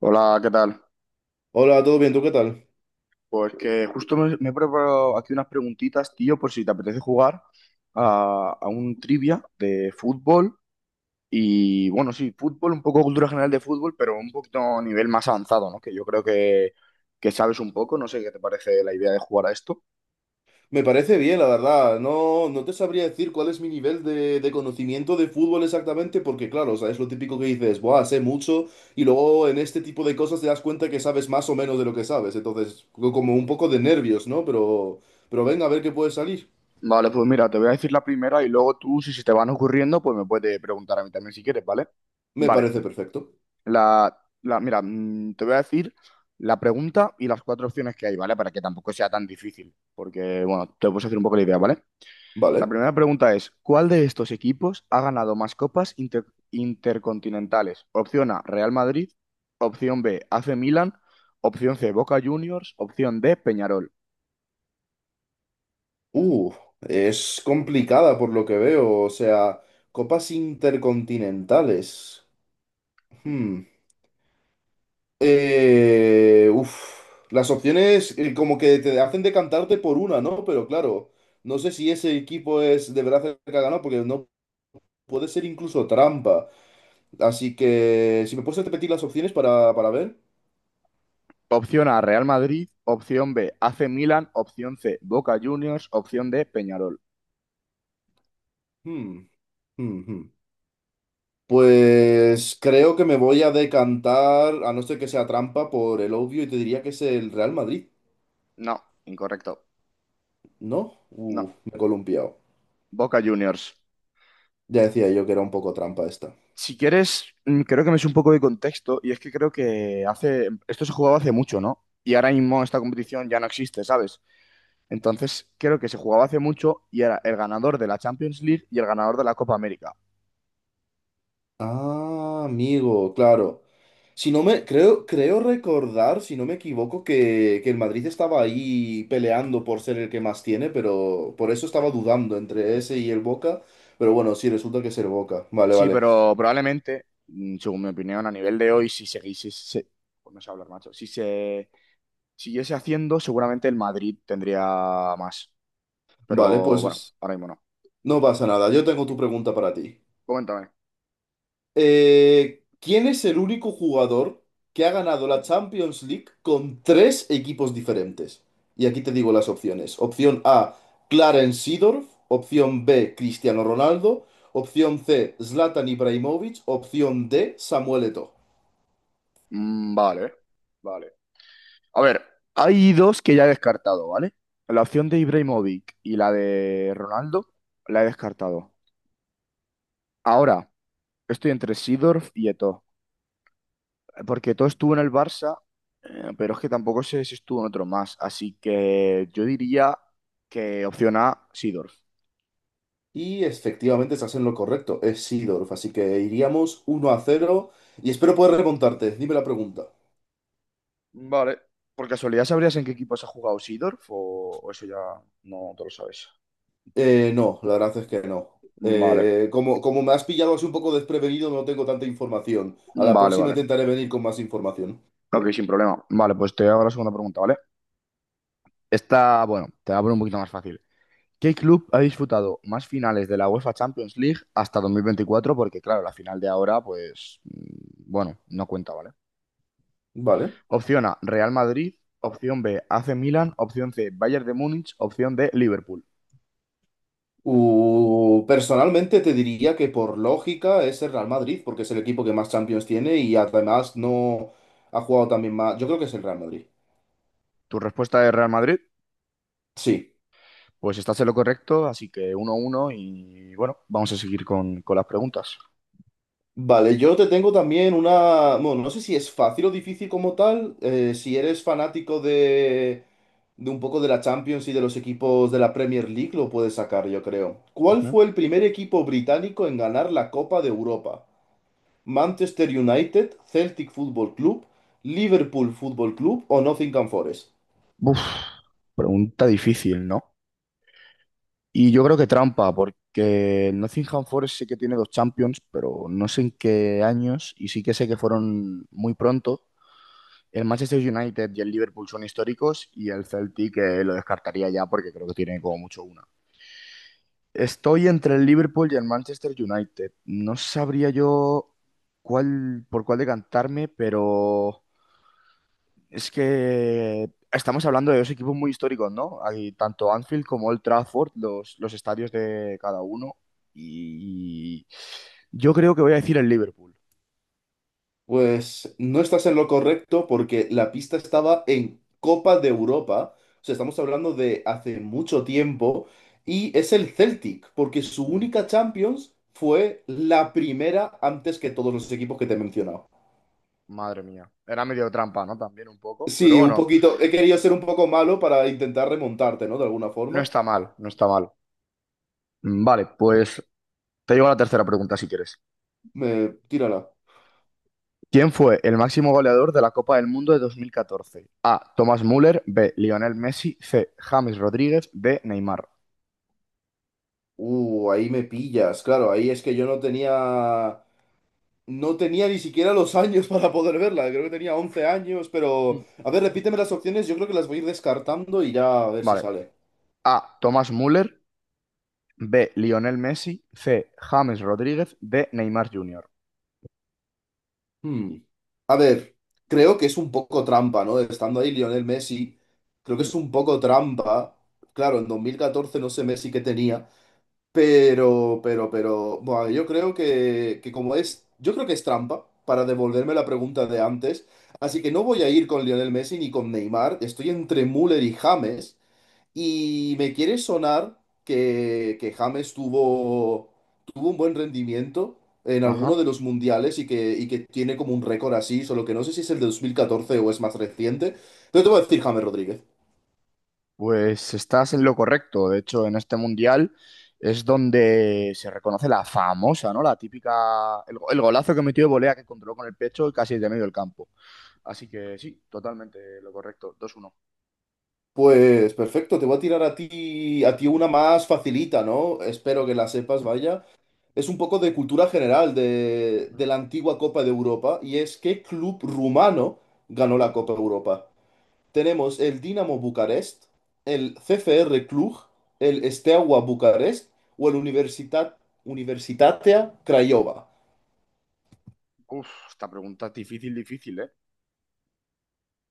Hola, ¿qué tal? Hola, ¿todo bien? ¿Tú qué tal? Pues que justo me he preparado aquí unas preguntitas, tío, por si te apetece jugar a un trivia de fútbol y, bueno, sí, fútbol, un poco cultura general de fútbol, pero un poquito a nivel más avanzado, ¿no? Que yo creo que sabes un poco, no sé qué te parece la idea de jugar a esto. Me parece bien, la verdad. No, no te sabría decir cuál es mi nivel de conocimiento de fútbol exactamente, porque claro, o sea, es lo típico que dices, buah, sé mucho, y luego en este tipo de cosas te das cuenta que sabes más o menos de lo que sabes. Entonces, como un poco de nervios, ¿no? Pero venga, a ver qué puede salir. Vale, pues mira, te voy a decir la primera y luego tú, si se te van ocurriendo, pues me puedes preguntar a mí también si quieres, ¿vale? Me Vale. parece perfecto. La, Mira, te voy a decir la pregunta y las cuatro opciones que hay, ¿vale? Para que tampoco sea tan difícil, porque, bueno, te puedes hacer un poco la idea, ¿vale? La Vale. primera pregunta es, ¿cuál de estos equipos ha ganado más copas intercontinentales? Opción A, Real Madrid. Opción B, AC Milan. Opción C, Boca Juniors. Opción D, Peñarol. Uh, es complicada por lo que veo. O sea, copas intercontinentales. Hmm. Uf, las opciones como que te hacen decantarte por una, ¿no? Pero claro, no sé si ese equipo es de verdad el que ha ganado, porque no puede ser incluso trampa. Así que, si me puedes repetir las opciones para ver. Opción A, Real Madrid. Opción B, AC Milan. Opción C, Boca Juniors. Opción D, Peñarol. Hmm, hmm, hmm. Pues creo que me voy a decantar, a no ser que sea trampa, por el obvio y te diría que es el Real Madrid, No, incorrecto. ¿no? No, Uf, me he columpiado. Boca Juniors. Ya decía yo que era un poco trampa esta. Si quieres, creo que me es un poco de contexto y es que creo que hace, esto se jugaba hace mucho, ¿no? Y ahora mismo esta competición ya no existe, ¿sabes? Entonces, creo que se jugaba hace mucho y era el ganador de la Champions League y el ganador de la Copa América. Ah, amigo, claro. Si no me, Creo recordar, si no me equivoco, que el Madrid estaba ahí peleando por ser el que más tiene, pero por eso estaba dudando entre ese y el Boca. Pero bueno, sí, resulta que es el Boca. Vale, Sí, vale. pero probablemente, según mi opinión, a nivel de hoy, si seguís, si se, pues no sé hablar, macho, si se siguiese haciendo, seguramente el Madrid tendría más. Vale, Pero bueno, pues ahora mismo no. no pasa nada. Yo tengo tu pregunta para ti. Coméntame. ¿Quién es el único jugador que ha ganado la Champions League con tres equipos diferentes? Y aquí te digo las opciones. Opción A, Clarence Seedorf. Opción B, Cristiano Ronaldo. Opción C, Zlatan Ibrahimovic. Opción D, Samuel Eto'o. Vale, vale. A ver, hay dos que ya he descartado, ¿vale? La opción de Ibrahimovic y la de Ronaldo la he descartado. Ahora, estoy entre Seedorf y Eto'o, porque Eto'o estuvo en el Barça, pero es que tampoco sé si estuvo en otro más, así que yo diría que opción A, Seedorf. Y efectivamente estás en lo correcto, es Seedorf. Así que iríamos 1-0 y espero poder remontarte. Dime la pregunta. Vale. ¿Por casualidad sabrías en qué equipos ha jugado Seedorf o eso ya no te lo sabes? No, la verdad es que no. Vale, Como me has pillado así un poco desprevenido, no tengo tanta información. A la vale, próxima vale. intentaré venir con más información. Ok, sin problema. Vale, pues te hago la segunda pregunta, ¿vale? Esta, bueno, te la voy a poner un poquito más fácil. ¿Qué club ha disputado más finales de la UEFA Champions League hasta 2024? Porque claro, la final de ahora, pues, bueno, no cuenta, ¿vale? Vale. Opción A, Real Madrid. Opción B, AC Milan. Opción C, Bayern de Múnich. Opción D, Liverpool. Personalmente te diría que por lógica es el Real Madrid, porque es el equipo que más Champions tiene y además no ha jugado también más. Yo creo que es el Real Madrid. ¿Tu respuesta es Real Madrid? Sí. Pues estás en lo correcto, así que 1 uno y bueno, vamos a seguir con las preguntas. Vale, yo te tengo también una... Bueno, no sé si es fácil o difícil como tal. Si eres fanático de un poco de la Champions y de los equipos de la Premier League, lo puedes sacar, yo creo. ¿Cuál Ujú. fue el primer equipo británico en ganar la Copa de Europa? ¿Manchester United, Celtic Football Club, Liverpool Football Club o Nottingham Forest? Uf, pregunta difícil, ¿no? Y yo creo que trampa, porque el Nottingham Forest sí que tiene dos Champions, pero no sé en qué años, y sí que sé que fueron muy pronto. El Manchester United y el Liverpool son históricos, y el Celtic lo descartaría ya porque creo que tiene como mucho una. Estoy entre el Liverpool y el Manchester United. No sabría yo cuál, por cuál decantarme, pero es que estamos hablando de dos equipos muy históricos, ¿no? Hay tanto Anfield como Old Trafford, los estadios de cada uno. Y yo creo que voy a decir el Liverpool. Pues no estás en lo correcto porque la pista estaba en Copa de Europa, o sea, estamos hablando de hace mucho tiempo, y es el Celtic, porque su Mm, única Champions fue la primera antes que todos los equipos que te he mencionado. madre mía. Era medio trampa, ¿no? También un poco. Pero Sí, un bueno, poquito, he querido ser un poco malo para intentar remontarte, ¿no? De alguna no forma. está mal, no está mal. Vale, pues te llevo a la tercera pregunta si quieres. Tírala. ¿Quién fue el máximo goleador de la Copa del Mundo de 2014? A. Thomas Müller. B. Lionel Messi. C. James Rodríguez. D. Neymar. Ahí me pillas, claro, ahí es que yo no tenía. No tenía ni siquiera los años para poder verla, creo que tenía 11 años, pero... Mm. A ver, repíteme las opciones, yo creo que las voy a ir descartando y ya a ver si Vale. sale. A. Thomas Müller. B. Lionel Messi. C. James Rodríguez. D. Neymar Jr. Hmm. A ver, creo que es un poco trampa, ¿no? Estando ahí Lionel Messi, creo que Mm, es un poco trampa. Claro, en 2014 no sé Messi qué tenía, Bueno, yo creo que como es... Yo creo que es trampa para devolverme la pregunta de antes, así que no voy a ir con Lionel Messi ni con Neymar, estoy entre Müller y James. Y me quiere sonar que James tuvo un buen rendimiento en alguno ajá. de los mundiales y que tiene como un récord así, solo que no sé si es el de 2014 o es más reciente. Pero te voy a decir James Rodríguez. Pues estás en lo correcto. De hecho, en este mundial es donde se reconoce la famosa, ¿no? La típica. El golazo que metió de volea que controló con el pecho y casi de medio del campo. Así que sí, totalmente lo correcto. 2-1. Pues perfecto, te voy a tirar a ti, una más facilita, ¿no? Espero que la sepas, vaya. Es un poco de cultura general de, Ujú. de la antigua Copa de Europa y es ¿qué club rumano ganó la Uf, Copa Europa? Tenemos el Dinamo Bucarest, el CFR Cluj, el Steaua Bucarest o el Universitatea Craiova. uf, esta pregunta es difícil, difícil, ¿eh?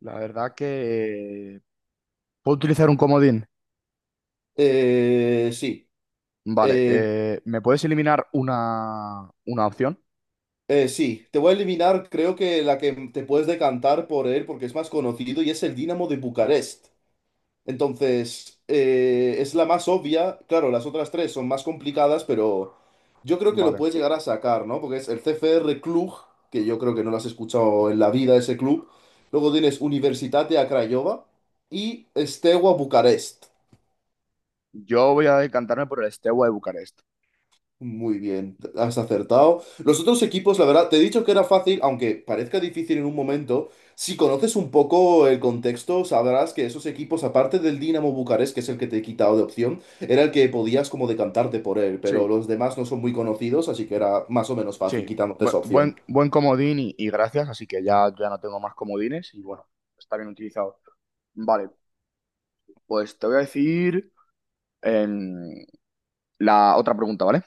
La verdad que. ¿Puedo utilizar un comodín? Sí. Vale. eh, ¿me puedes eliminar una opción? Sí, te voy a eliminar, creo que la que te puedes decantar por él porque es más conocido y es el Dinamo de Bucarest. Entonces, es la más obvia. Claro, las otras tres son más complicadas, pero yo creo que lo Vale. puedes llegar a sacar, ¿no? Porque es el CFR Cluj, que yo creo que no lo has escuchado en la vida ese club. Luego tienes Universitate a Craiova y Steaua Bucarest. Yo voy a decantarme por el Steaua de Bucarest. Muy bien, has acertado. Los otros equipos, la verdad, te he dicho que era fácil, aunque parezca difícil en un momento. Si conoces un poco el contexto, sabrás que esos equipos, aparte del Dinamo Bucarest, que es el que te he quitado de opción, era el que podías como decantarte por él, pero Sí, los demás no son muy conocidos, así que era más o menos fácil sí, quitándote esa opción. Comodín y gracias, así que ya, ya no tengo más comodines y bueno, está bien utilizado. Vale, pues te voy a decir em, la otra pregunta, ¿vale?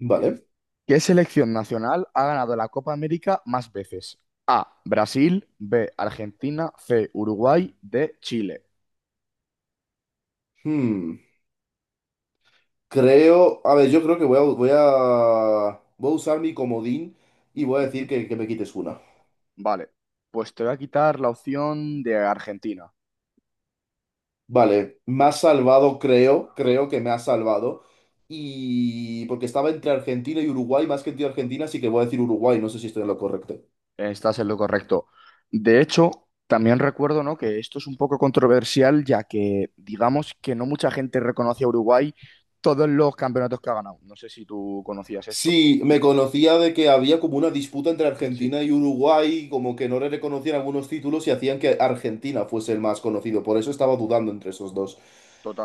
Vale. ¿Qué selección nacional ha ganado la Copa América más veces? A, Brasil, B, Argentina, C, Uruguay, D, Chile. Hmm. Creo, a ver, yo creo que voy a usar mi comodín y voy a decir Ujú. que me quites una. Vale, pues te voy a quitar la opción de Argentina. Vale, me ha salvado, creo que me ha salvado. Y porque estaba entre Argentina y Uruguay, más que entre Argentina, así que voy a decir Uruguay, no sé si estoy en lo correcto. Estás en lo correcto. De hecho, también recuerdo, ¿no? que esto es un poco controversial, ya que digamos que no mucha gente reconoce a Uruguay todos los campeonatos que ha ganado. No sé si tú conocías esto. Sí, me conocía de que había como una disputa entre Sí, sí, Argentina y Uruguay, como que no le reconocían algunos títulos y hacían que Argentina fuese el más conocido, por eso estaba dudando entre esos dos.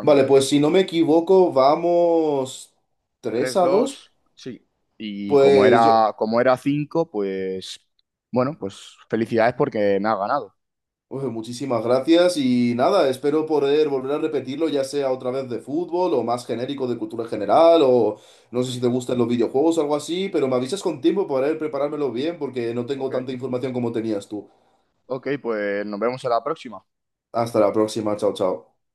Vale, pues si no me equivoco, vamos tres tres a dos dos sí. Y Pues yo, como era 5 pues bueno, pues felicidades porque me ha ganado. pues muchísimas gracias y nada, espero poder volver a repetirlo, ya sea otra vez de fútbol o más genérico de cultura general o no sé Hmm, si te gustan los videojuegos o algo así, pero me avisas con tiempo para poder preparármelo bien porque no tengo ok, tanta información como tenías tú. ok, pues nos vemos en la próxima. Hasta la próxima, chao, chao.